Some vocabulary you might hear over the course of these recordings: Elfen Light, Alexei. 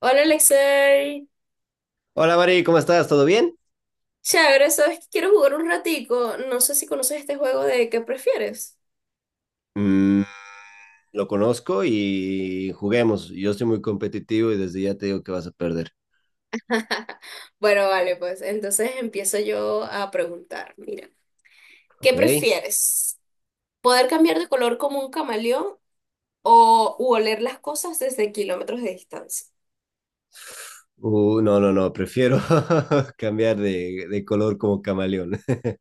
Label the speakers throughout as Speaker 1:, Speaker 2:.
Speaker 1: Hola Alexei,
Speaker 2: Hola Mari, ¿cómo estás? ¿Todo bien?
Speaker 1: chévere, sabes que quiero jugar un ratico. No sé si conoces este juego de ¿qué prefieres?
Speaker 2: Mm, lo conozco y juguemos. Yo soy muy competitivo y desde ya te digo que vas a perder.
Speaker 1: Bueno, vale, pues entonces empiezo yo a preguntar. Mira, ¿qué
Speaker 2: ¿Ok?
Speaker 1: prefieres? ¿Poder cambiar de color como un camaleón o u oler las cosas desde kilómetros de distancia?
Speaker 2: No, no, no, prefiero cambiar de color como camaleón.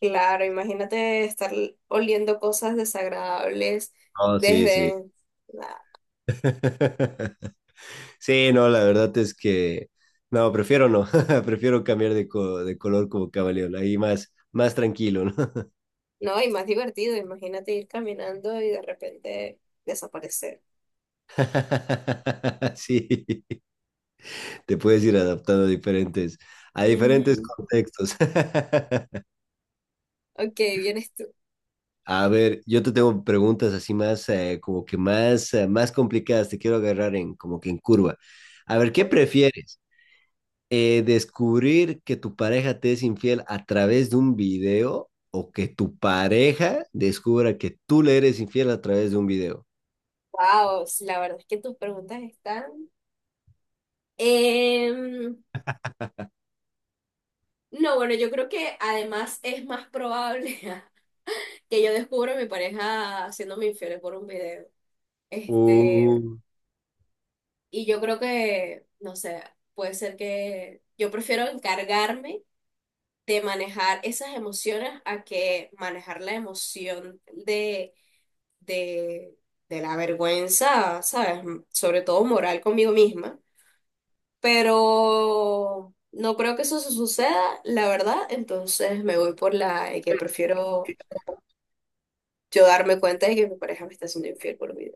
Speaker 1: Claro, imagínate estar oliendo cosas desagradables
Speaker 2: No, sí, sí.
Speaker 1: desde...
Speaker 2: Sí, no, la verdad es que no, prefiero no, prefiero cambiar de, de color como camaleón, ahí más, más tranquilo, ¿no?
Speaker 1: No, y más divertido, imagínate ir caminando y de repente desaparecer.
Speaker 2: Sí, te puedes ir adaptando a diferentes
Speaker 1: Ujú.
Speaker 2: contextos.
Speaker 1: Ok, vienes tú.
Speaker 2: A ver, yo te tengo preguntas así más, como que más, más complicadas. Te quiero agarrar en, como que en curva. A ver, ¿qué prefieres? ¿Descubrir que tu pareja te es infiel a través de un video o que tu pareja descubra que tú le eres infiel a través de un video?
Speaker 1: Wow, la verdad es que tus preguntas están. Em, no, bueno, yo creo que además es más probable que yo descubra a mi pareja haciéndome infiel por un video. Este,
Speaker 2: Uh,
Speaker 1: y yo creo que, no sé, puede ser que yo prefiero encargarme de manejar esas emociones a que manejar la emoción de, de la vergüenza, ¿sabes? Sobre todo moral conmigo misma, pero no creo que eso suceda, la verdad. Entonces me voy por la de que prefiero yo darme cuenta de que mi pareja me está haciendo infiel por video.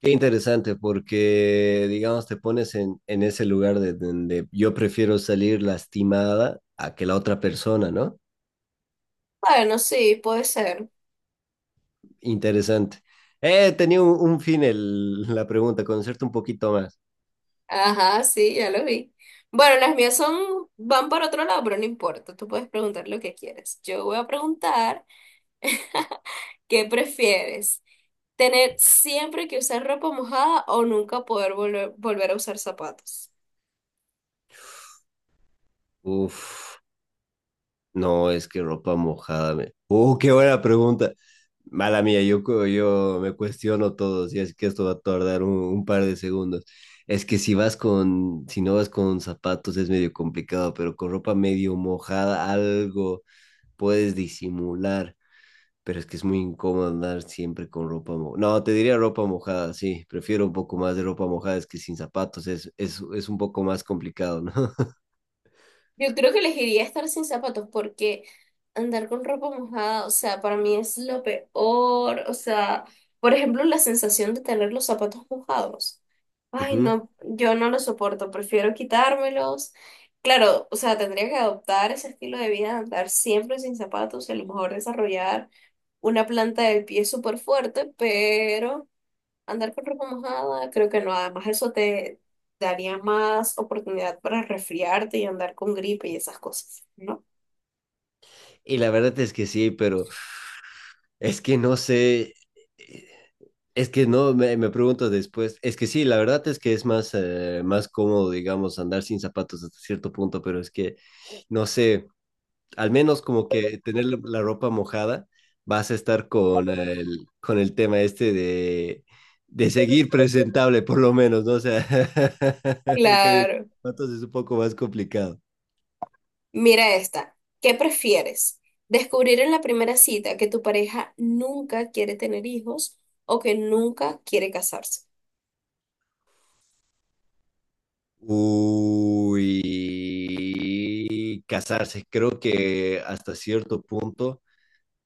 Speaker 2: Qué interesante, porque, digamos, te pones en ese lugar de donde yo prefiero salir lastimada a que la otra persona, ¿no?
Speaker 1: Bueno, sí, puede ser.
Speaker 2: Interesante. Tenía un fin la pregunta, conocerte un poquito más.
Speaker 1: Ajá, sí, ya lo vi. Bueno, las mías son, van para otro lado, pero no importa. Tú puedes preguntar lo que quieras. Yo voy a preguntar, ¿qué prefieres? ¿Tener siempre que usar ropa mojada o nunca poder volver a usar zapatos?
Speaker 2: Uf, no, es que ropa mojada. Me... Qué buena pregunta. Mala mía, yo, yo me cuestiono todo, si es que esto va a tardar un par de segundos. Es que si vas con, si no vas con zapatos es medio complicado, pero con ropa medio mojada algo puedes disimular. Pero es que es muy incómodo andar siempre con ropa mojada. No, te diría ropa mojada, sí. Prefiero un poco más de ropa mojada, es que sin zapatos es un poco más complicado, ¿no?
Speaker 1: Yo creo que elegiría estar sin zapatos porque andar con ropa mojada, o sea, para mí es lo peor. O sea, por ejemplo, la sensación de tener los zapatos mojados. Ay,
Speaker 2: Ujú.
Speaker 1: no, yo no lo soporto, prefiero quitármelos. Claro, o sea, tendría que adoptar ese estilo de vida de andar siempre sin zapatos y a lo mejor desarrollar una planta del pie súper fuerte, pero andar con ropa mojada, creo que no. Además, eso te daría más oportunidad para resfriarte y andar con gripe y esas cosas, ¿no?
Speaker 2: Y la verdad es que sí, pero es que no sé. eh, Es que no, me pregunto después. Es que sí, la verdad es que es más, más cómodo, digamos, andar sin zapatos hasta cierto punto, pero es que no sé. Al menos como que tener la, la ropa mojada, vas a estar con el tema este de seguir presentable, por lo menos, ¿no? O sea, en cambio,
Speaker 1: Claro.
Speaker 2: zapatos es un poco más complicado.
Speaker 1: Mira esta. ¿Qué prefieres? ¿Descubrir en la primera cita que tu pareja nunca quiere tener hijos o que nunca quiere casarse?
Speaker 2: Uy, casarse, creo que hasta cierto punto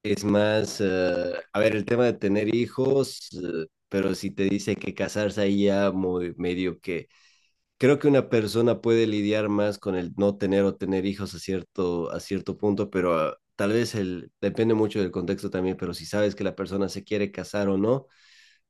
Speaker 2: es más, a ver, el tema de tener hijos, pero si te dice que casarse ahí ya muy medio que creo que una persona puede lidiar más con el no tener o tener hijos a cierto punto, pero ah, tal vez el, depende mucho del contexto también, pero si sabes que la persona se quiere casar o no,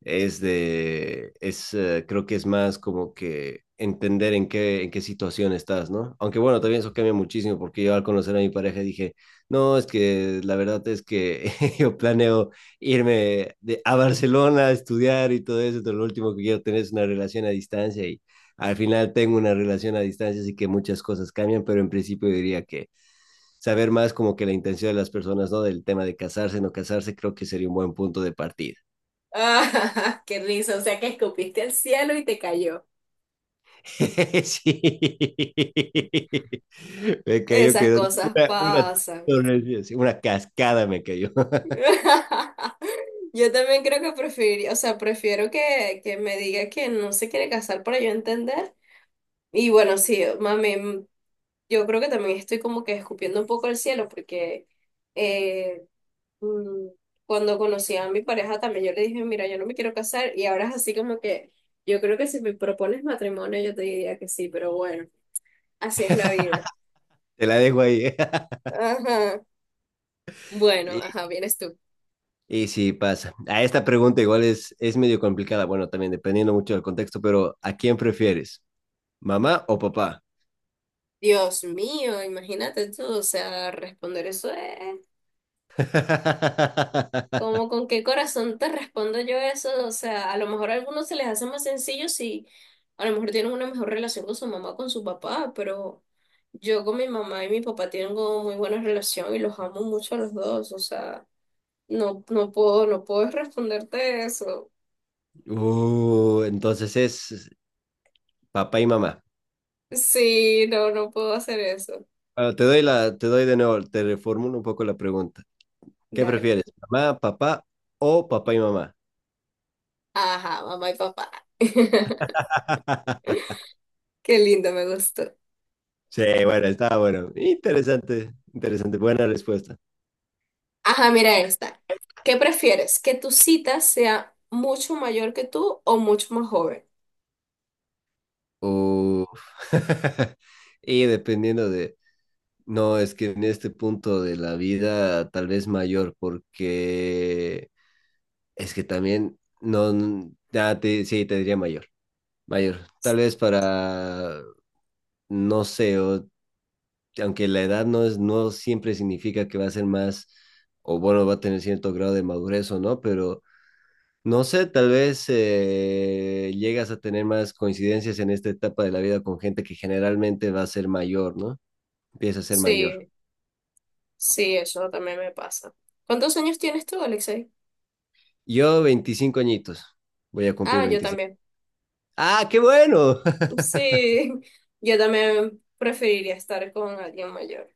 Speaker 2: es de, es, creo que es más como que entender en qué situación estás, ¿no? Aunque bueno, también eso cambia muchísimo porque yo al conocer a mi pareja dije, no, es que la verdad es que yo planeo irme de, a Barcelona a estudiar y todo eso, pero lo último que quiero tener es una relación a distancia y al final tengo una relación a distancia, así que muchas cosas cambian, pero en principio diría que saber más como que la intención de las personas, ¿no? Del tema de casarse, no casarse, creo que sería un buen punto de partida.
Speaker 1: Ah, qué risa, o sea que escupiste al cielo y te cayó.
Speaker 2: Sí. Me cayó
Speaker 1: Esas
Speaker 2: que
Speaker 1: cosas
Speaker 2: una
Speaker 1: pasan.
Speaker 2: torre, sí, una cascada me cayó.
Speaker 1: Yo también creo que preferiría, o sea, prefiero que me diga que no se quiere casar para yo entender. Y bueno, sí, mami, yo creo que también estoy como que escupiendo un poco el cielo porque eh, mm, cuando conocí a mi pareja también yo le dije, mira, yo no me quiero casar y ahora es así como que yo creo que si me propones matrimonio yo te diría que sí, pero bueno, así es la vida.
Speaker 2: Te la dejo ahí.
Speaker 1: Ajá. Bueno,
Speaker 2: Y,
Speaker 1: ajá, vienes tú.
Speaker 2: y sí, pasa. A esta pregunta igual es medio complicada. Bueno, también dependiendo mucho del contexto, pero ¿a quién prefieres? ¿Mamá o papá?
Speaker 1: Dios mío, imagínate tú, o sea, responder eso es... Como con qué corazón te respondo yo eso, o sea, a lo mejor a algunos se les hace más sencillo si a lo mejor tienen una mejor relación con su mamá o con su papá, pero yo con mi mamá y mi papá tengo muy buena relación y los amo mucho a los dos, o sea, no puedo responderte eso.
Speaker 2: Entonces es papá y mamá.
Speaker 1: Sí, no, no puedo hacer eso.
Speaker 2: Bueno, te doy la, te doy de nuevo, te reformulo un poco la pregunta. ¿Qué
Speaker 1: Dale pues.
Speaker 2: prefieres? ¿Mamá, papá o papá y mamá?
Speaker 1: Ajá, mamá y papá. Qué lindo, me gustó.
Speaker 2: Sí, bueno, estaba bueno. Interesante, interesante, buena respuesta.
Speaker 1: Ajá, mira esta. ¿Qué prefieres? ¿Que tu cita sea mucho mayor que tú o mucho más joven?
Speaker 2: Uf. Y dependiendo de, no, es que en este punto de la vida tal vez mayor, porque es que también, no, ya te, sí, te diría mayor, mayor. Tal vez para, no sé, aunque la edad no es, no siempre significa que va a ser más, o bueno, va a tener cierto grado de madurez o no, pero no sé, tal vez llegas a tener más coincidencias en esta etapa de la vida con gente que generalmente va a ser mayor, ¿no? Empieza a ser mayor.
Speaker 1: Sí, sí, eso también me pasa. ¿Cuántos años tienes tú, Alexei?
Speaker 2: Yo, 25 añitos, voy a cumplir
Speaker 1: Ah, yo
Speaker 2: 26.
Speaker 1: también.
Speaker 2: ¡Ah, qué bueno!
Speaker 1: Sí, yo también preferiría estar con alguien mayor.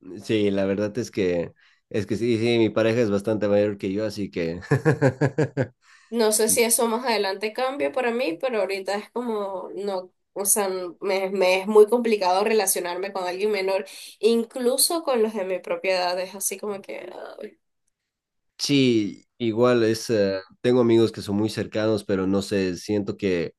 Speaker 2: Sí, la verdad es que sí, sí, mi pareja es bastante mayor que yo, así que...
Speaker 1: No sé si eso más adelante cambie para mí, pero ahorita es como, no, o sea, me es muy complicado relacionarme con alguien menor, incluso con los de mi propia edad, es así como que, ay,
Speaker 2: Sí, igual es, tengo amigos que son muy cercanos, pero no sé, siento que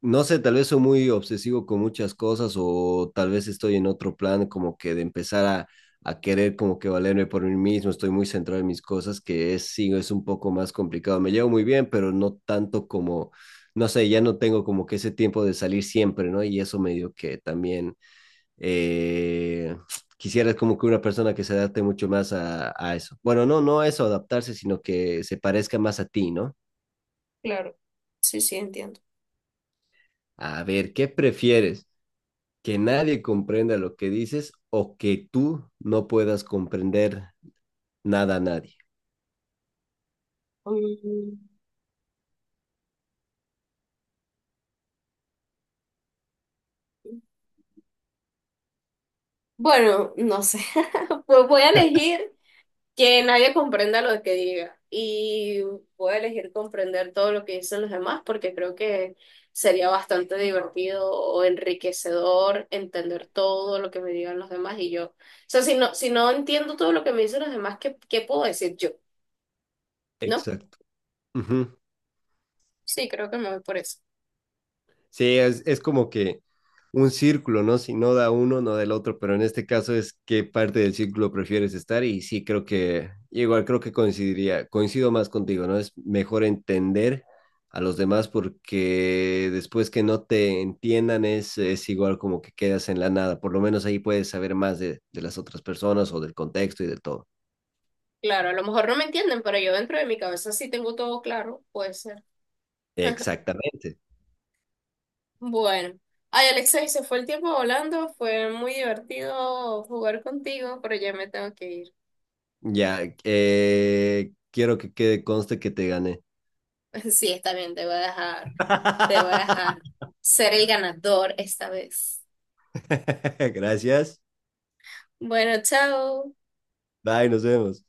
Speaker 2: no sé, tal vez soy muy obsesivo con muchas cosas o tal vez estoy en otro plan como que de empezar a querer como que valerme por mí mismo, estoy muy centrado en mis cosas, que es, sí, es un poco más complicado. Me llevo muy bien, pero no tanto como, no sé, ya no tengo como que ese tiempo de salir siempre, ¿no? Y eso medio que también eh, quisiera como que una persona que se adapte mucho más a eso. Bueno, no, no a eso, adaptarse, sino que se parezca más a ti, ¿no?
Speaker 1: claro, sí, sí, entiendo.
Speaker 2: A ver, ¿qué prefieres? Que nadie comprenda lo que dices o que tú no puedas comprender nada a nadie.
Speaker 1: Mm, Bueno, no sé. Pues voy a elegir que nadie comprenda lo que diga y voy a elegir comprender todo lo que dicen los demás porque creo que sería bastante divertido o enriquecedor entender todo lo que me digan los demás y yo. O sea, si no entiendo todo lo que me dicen los demás, ¿qué, qué puedo decir yo? ¿No?
Speaker 2: Exacto. Ujú.
Speaker 1: Sí, creo que me voy por eso.
Speaker 2: Sí, es como que un círculo, ¿no? Si no da uno, no da el otro, pero en este caso es qué parte del círculo prefieres estar y sí creo que, igual creo que coincidiría, coincido más contigo, ¿no? Es mejor entender a los demás porque después que no te entiendan es igual como que quedas en la nada, por lo menos ahí puedes saber más de las otras personas o del contexto y de todo.
Speaker 1: Claro, a lo mejor no me entienden, pero yo dentro de mi cabeza sí tengo todo claro, puede ser.
Speaker 2: Exactamente.
Speaker 1: Bueno, ay Alexa, y se fue el tiempo volando, fue muy divertido jugar contigo, pero ya me tengo que ir.
Speaker 2: Ya, quiero que quede conste que te gané.
Speaker 1: Sí, está bien, te voy a dejar, te voy a dejar ser el ganador esta vez.
Speaker 2: Gracias.
Speaker 1: Bueno, chao.
Speaker 2: Bye, nos vemos.